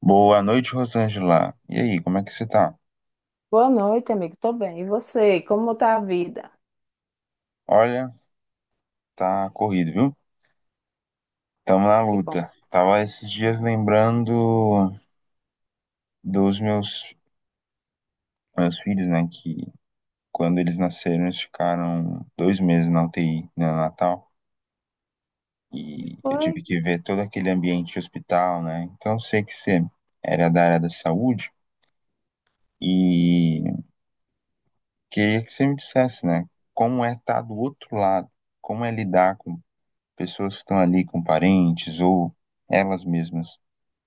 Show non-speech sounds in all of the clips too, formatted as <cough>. Boa noite, Rosângela. E aí, como é que você tá? Boa noite, amigo. Tô bem. E você? Como tá a vida? Olha, tá corrido, viu? Tamo na Que bom. luta. Tava esses dias lembrando dos meus filhos, né? Que quando eles nasceram, eles ficaram 2 meses na UTI, né, no Natal. E E eu tive foi? que ver todo aquele ambiente de hospital, né? Então, eu sei que você era da área da saúde e queria que você me dissesse, né? Como é estar do outro lado? Como é lidar com pessoas que estão ali com parentes ou elas mesmas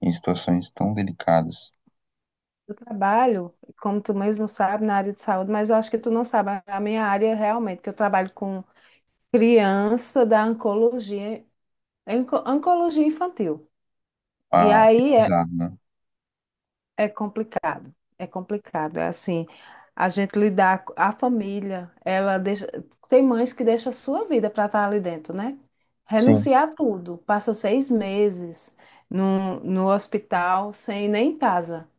em situações tão delicadas. Eu trabalho, como tu mesmo sabe, na área de saúde, mas eu acho que tu não sabe a minha área realmente, que eu trabalho com criança da oncologia, oncologia infantil. E Uau, que aí, é, bizarro, né? É complicado, é complicado. É assim, a gente lidar com a família, ela deixa, tem mães que deixam a sua vida para estar ali dentro, né? Sim, Renunciar a tudo, passa 6 meses no hospital sem nem casa.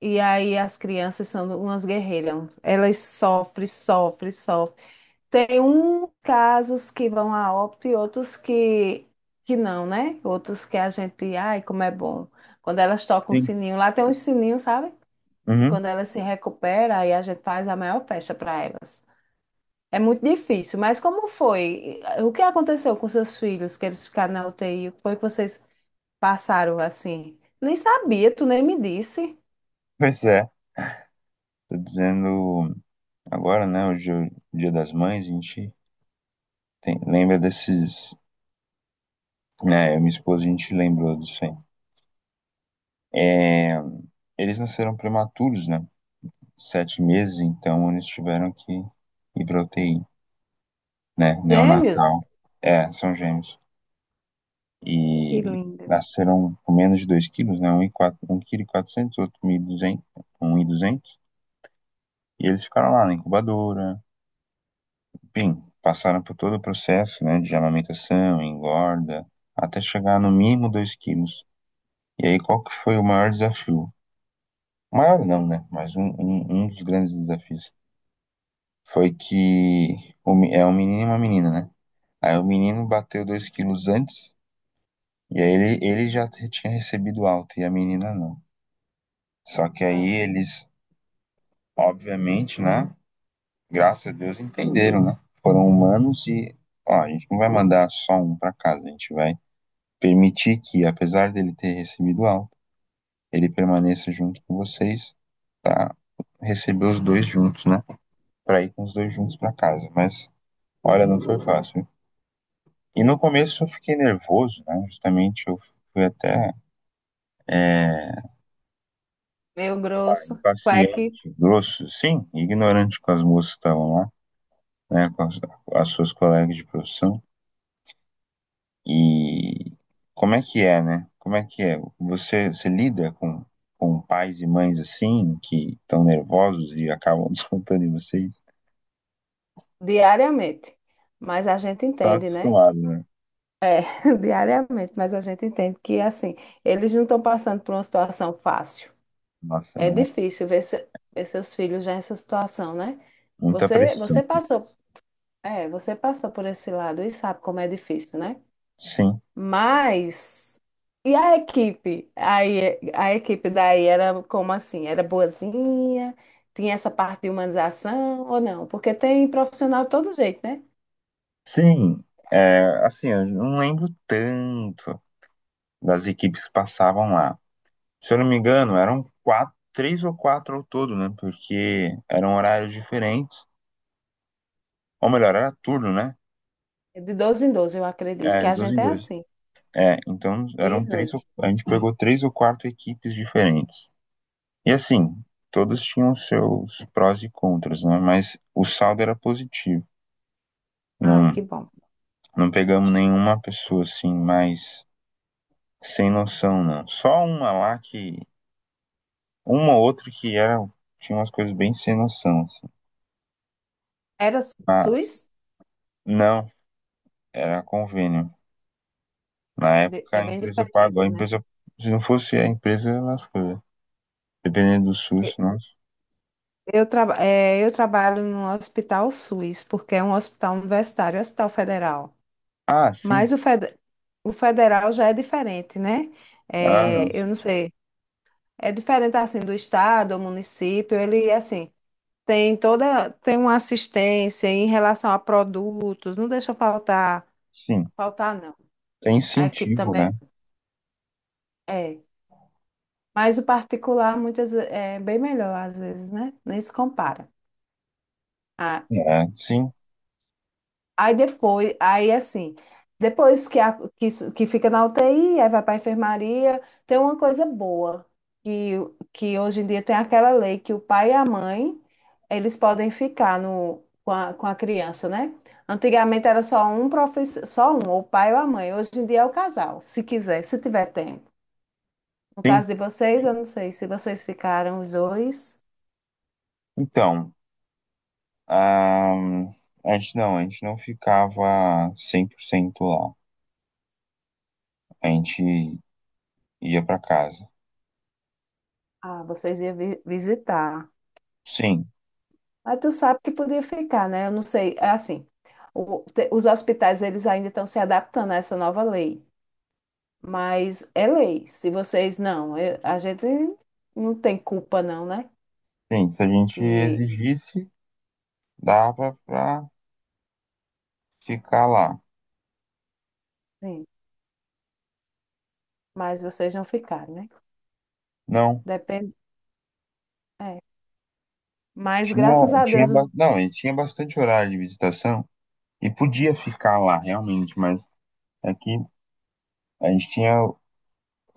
E aí as crianças são umas guerreiras, elas sofrem, sofrem, sofrem. Tem uns casos que vão a óbito e outros que não, né? Outros que a gente, ai, como é bom. Quando elas tocam o sim. sininho, lá tem uns sininhos, sabe? Que Uhum. quando elas se recuperam, aí a gente faz a maior festa para elas. É muito difícil, mas como foi? O que aconteceu com seus filhos, que eles ficaram na UTI? O que foi que vocês passaram assim? Nem sabia, tu nem me disse. Pois é. Tô dizendo agora, né? Hoje é o Dia das Mães, a gente lembra desses. Né, eu e minha esposa, a gente lembrou disso aí. É, eles nasceram prematuros, né? 7 meses, então eles tiveram que ir pra UTI, né? Gêmeos? Neonatal. É, são gêmeos. Que E lindo. nasceram com menos de 2 quilos, né? Um 1.400, quatrocentos, outro 1.200, 1.200. E eles ficaram lá na incubadora, enfim, passaram por todo o processo, né, de amamentação, engorda, até chegar no mínimo 2 quilos. E aí, qual que foi o maior desafio? Maior não, né? Mas um dos grandes desafios foi que é um menino e uma menina, né? Aí o menino bateu 2 quilos antes, e aí ele já tinha recebido alta, e a menina não. Só que Ah, aí eles... Obviamente, né? Graças a Deus entenderam, né? Foram humanos e, ó, a gente não vai mandar só um para casa, a gente vai permitir que, apesar dele ter recebido alta, ele permaneça junto com vocês para receber os dois juntos, né? Para ir com os dois juntos para casa. Mas, olha, não foi fácil. E no começo eu fiquei nervoso, né? Justamente eu fui até é, meio grosso, quack, impaciente, grosso, sim, ignorante com as moças que estavam lá, né? Com as suas colegas de profissão. E como é que é, né? Como é que é? Você lida com pais e mães assim, que estão nervosos e acabam <laughs> descontando em vocês? diariamente. Mas a gente Tá entende, né? acostumado, né? É, <laughs> diariamente, mas a gente entende que, assim, eles não estão passando por uma situação fácil. Nossa, É não é difícil ver, ver seus filhos já nessa situação, né? muita Você, pressão. você passou, você passou por esse lado e sabe como é difícil, né? Sim. Mas e a equipe? Aí a equipe daí era como assim? Era boazinha? Tinha essa parte de humanização ou não? Porque tem profissional de todo jeito, né? Sim, assim, eu não lembro tanto das equipes que passavam lá. Se eu não me engano, eram quatro, três ou quatro ao todo, né? Porque eram horários diferentes. Ou melhor, era turno, né? De 12 em 12 eu acredito É, que de a dois em gente é dois. assim, É, então dia e eram três, noite. a gente pegou três ou quatro equipes diferentes. E assim, todas tinham seus prós e contras, né? Mas o saldo era positivo. Ai, Não, que bom. não pegamos nenhuma pessoa assim mais sem noção, não. Só uma lá que, uma ou outra que era, tinha umas coisas bem sem noção, assim. Era Ah, SUS? não, era convênio. Ah, Na época é a bem empresa pagou. A diferente, né? empresa, se não fosse a empresa, lascou, né? Dependendo do SUS, nossa. Eu trabalho no Hospital SUS, porque é um hospital universitário, é um hospital federal. Ah, sim. Mas o federal já é diferente, né? Ah, não. É, eu não sei, é diferente assim do estado, do município, ele assim tem uma assistência em relação a produtos, não deixa faltar, Sim, faltar não. é A equipe incentivo, também né? é, mas o particular é bem melhor às vezes, né? Nem se compara. Ah, É, sim, aí depois, aí assim, depois que, a, que, s- que fica na UTI, aí vai para a enfermaria, tem uma coisa boa, que, que hoje em dia tem aquela lei que o pai e a mãe, eles podem ficar no, com a criança, né? Antigamente era só um profissional, só um, ou o pai ou a mãe. Hoje em dia é o casal, se quiser, se tiver tempo. No sim. caso de vocês, eu não sei se vocês ficaram os dois, Então, ah, a gente não ficava 100% lá. A gente ia para casa. ah, vocês iam visitar. Sim, Mas tu sabe que podia ficar, né? Eu não sei, é assim, os hospitais eles ainda estão se adaptando a essa nova lei, mas é lei. Se vocês não, eu- a gente não tem culpa não, né? sim, se a gente Que, exigisse, dava para ficar lá. sim, mas vocês não ficaram, né? Não, Depende, é. Mas tinha, graças a Deus não, a gente tinha bastante horário de visitação e podia ficar lá realmente, mas aqui a gente tinha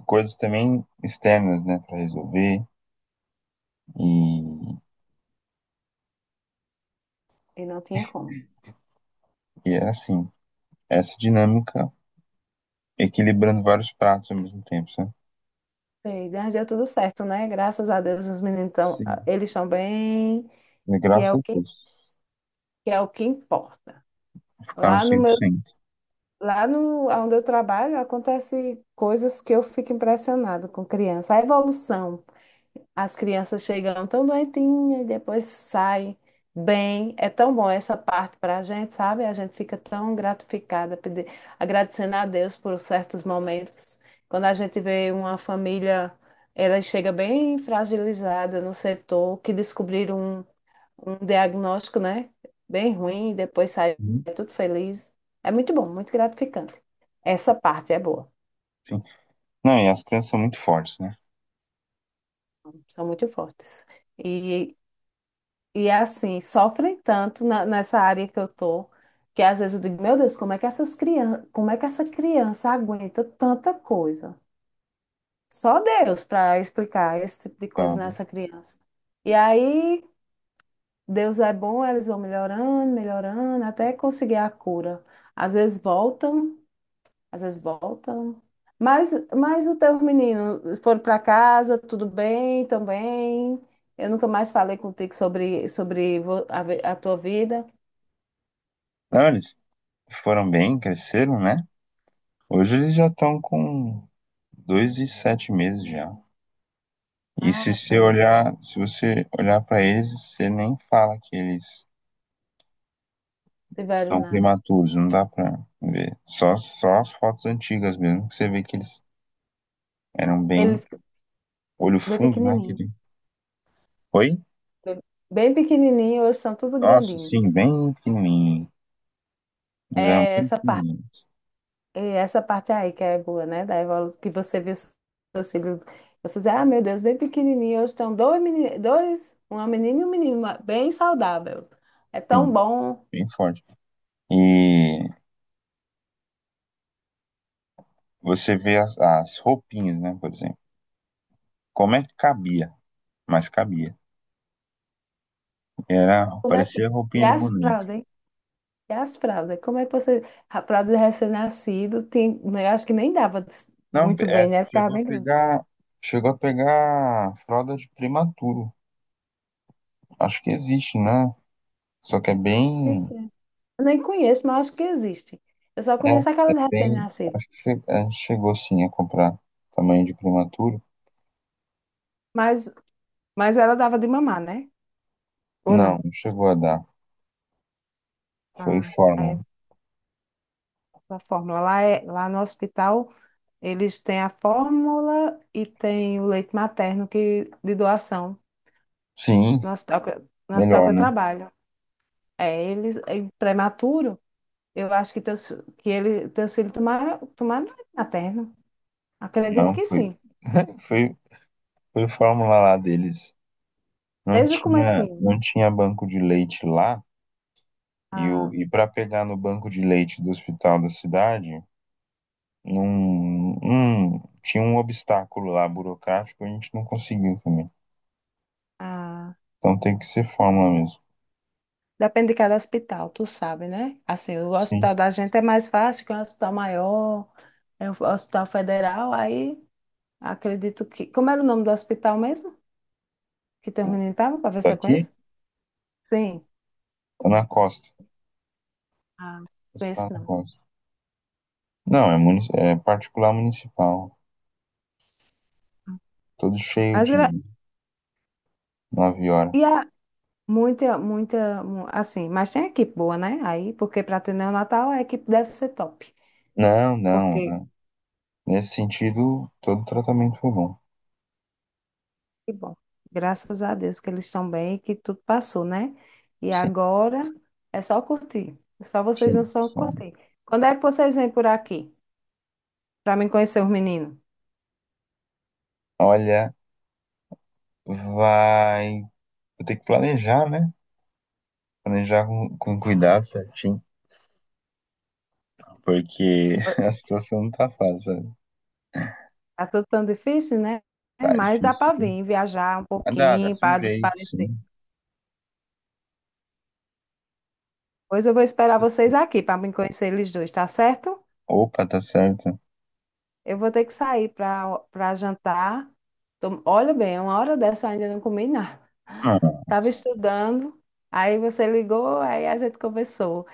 coisas também externas, né, para resolver e, e não tinha como. e era assim, essa dinâmica equilibrando vários pratos ao mesmo tempo, sabe? Sei, mas deu tudo certo, né? Graças a Deus os meninos estão, Sim. eles estão bem, E que é graças o a que, Deus, que é o que importa. ficaram Lá no meu 100%. Lá no, onde eu trabalho, acontece coisas que eu fico impressionada com criança. A evolução. As crianças chegam tão doentinhas e depois saem bem. É tão bom essa parte para a gente, sabe? A gente fica tão gratificada, agradecendo a Deus por certos momentos. Quando a gente vê uma família, ela chega bem fragilizada no setor, que descobriram um diagnóstico, né? Bem ruim, e depois sai Uhum. tudo feliz. É muito bom, muito gratificante. Essa parte é boa, Sim. Não, e as crianças são muito fortes, né? são muito fortes. E, e assim, sofrem tanto nessa área que eu tô, que às vezes eu digo, meu Deus, como é que essas crianças, como é que essa criança aguenta tanta coisa? Só Deus para explicar esse tipo de Ah, coisa nessa criança. E aí, Deus é bom, eles vão melhorando, melhorando, até conseguir a cura. Às vezes voltam Às vezes voltam. Mas o teu menino, foram para casa, tudo bem também? Eu nunca mais falei contigo sobre a tua vida. não, eles foram bem, cresceram, né? Hoje eles já estão com dois e sete meses já. E se Ah, você são, olhar, se você olhar para eles, você nem fala que eles tiveram estão nada. prematuros, não dá pra ver. Só as fotos antigas mesmo, que você vê que eles eram bem Eles, olho bem fundo, né? pequenininho. Aquele... Oi? Bem, bem pequenininho, hoje são tudo Nossa, grandinho. sim, bem pequenininho. Eles eram É bem essa parte, fininhos, é essa parte aí que é boa, né? Da evolução, que você vê seus filhos. Você diz, ah, meu Deus, bem pequenininho. Hoje estão dois, uma menina e um menino, bem saudável. É tão sim, bom. bem forte. E você vê as roupinhas, né, por exemplo. Como é que cabia? Mas cabia. Era, Como é que. parecia E roupinha de as boneca. fraldas, hein? E as fraldas? Como é que você. A fralda de recém-nascido, tem, né, eu acho que nem dava Não, muito bem, né? Ficava bem grande. Chegou a pegar fralda de prematuro. Acho que existe, né? Só que é bem, Isso é. Eu nem conheço, mas acho que existe. Eu só é, conheço aquela é de bem, recém-nascido. acho que chegou sim a comprar tamanho de prematuro. Mas, mas ela dava de mamar, né? Ou Não, não? não chegou a dar. Foi Ah, é forma. a fórmula. Lá no hospital, eles têm a fórmula e tem o leite materno que, de doação. Sim, No hospital que... no hospital melhor, que eu né? trabalho. É, eles. É prematuro. Eu acho que teus filhos tomaram leite materno. Acredito Não, que foi. sim. Foi Foi fórmula lá deles. Não Desde o tinha, comecinho. não tinha banco de leite lá. E, o- A, e para pegar no banco de leite do hospital da cidade, não, tinha um obstáculo lá burocrático, a gente não conseguiu também. a... Então tem que ser fórmula mesmo. Depende de cada hospital, tu sabe, né? Assim, o Sim. hospital da gente é mais fácil, que é um hospital maior, é um hospital federal, aí acredito que... Como era o nome do hospital mesmo? Que teu O- menino estava, para ver se eu Daqui? conheço? Sim. Tá na costa. Ah, Está conheço na não. costa. Não, é particular municipal. Todo cheio Mas, gra- de 9 horas. e a... assim, mas tem equipe boa, né? Aí, porque para ter neonatal, a equipe deve ser top. Não, não. Porque É. Nesse sentido, todo tratamento foi bom. Que bom. Graças a Deus que eles estão bem e que tudo passou, né? E Sim, agora é só curtir. Só vocês não sim. só curtir. Quando é que vocês vêm por aqui? Para mim conhecer os meninos? Olha. Vai vou ter que planejar, né? Planejar com cuidado certinho, porque <laughs> a situação não tá fácil, sabe? Tá tudo tão difícil, né? É, Tá mas dá difícil. para vir viajar um Mas pouquinho dá-se um para jeito, desaparecer. sim. Pois eu vou esperar vocês aqui para me conhecer eles dois, tá certo? Opa, tá certo. Eu vou ter que sair para jantar. Olha bem, uma hora dessa eu ainda não comi nada. <laughs> Não, Tava estudando, aí você ligou, aí a gente conversou.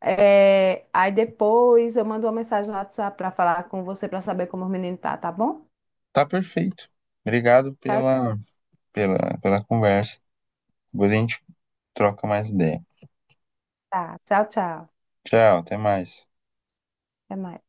É, aí depois eu mando uma mensagem no WhatsApp para falar com você para saber como o menino tá, tá bom? tá perfeito. Obrigado Tchau, pela conversa. Depois a gente troca mais ideia. tchau, tchau, tchau. Tchau, até mais. Até mais.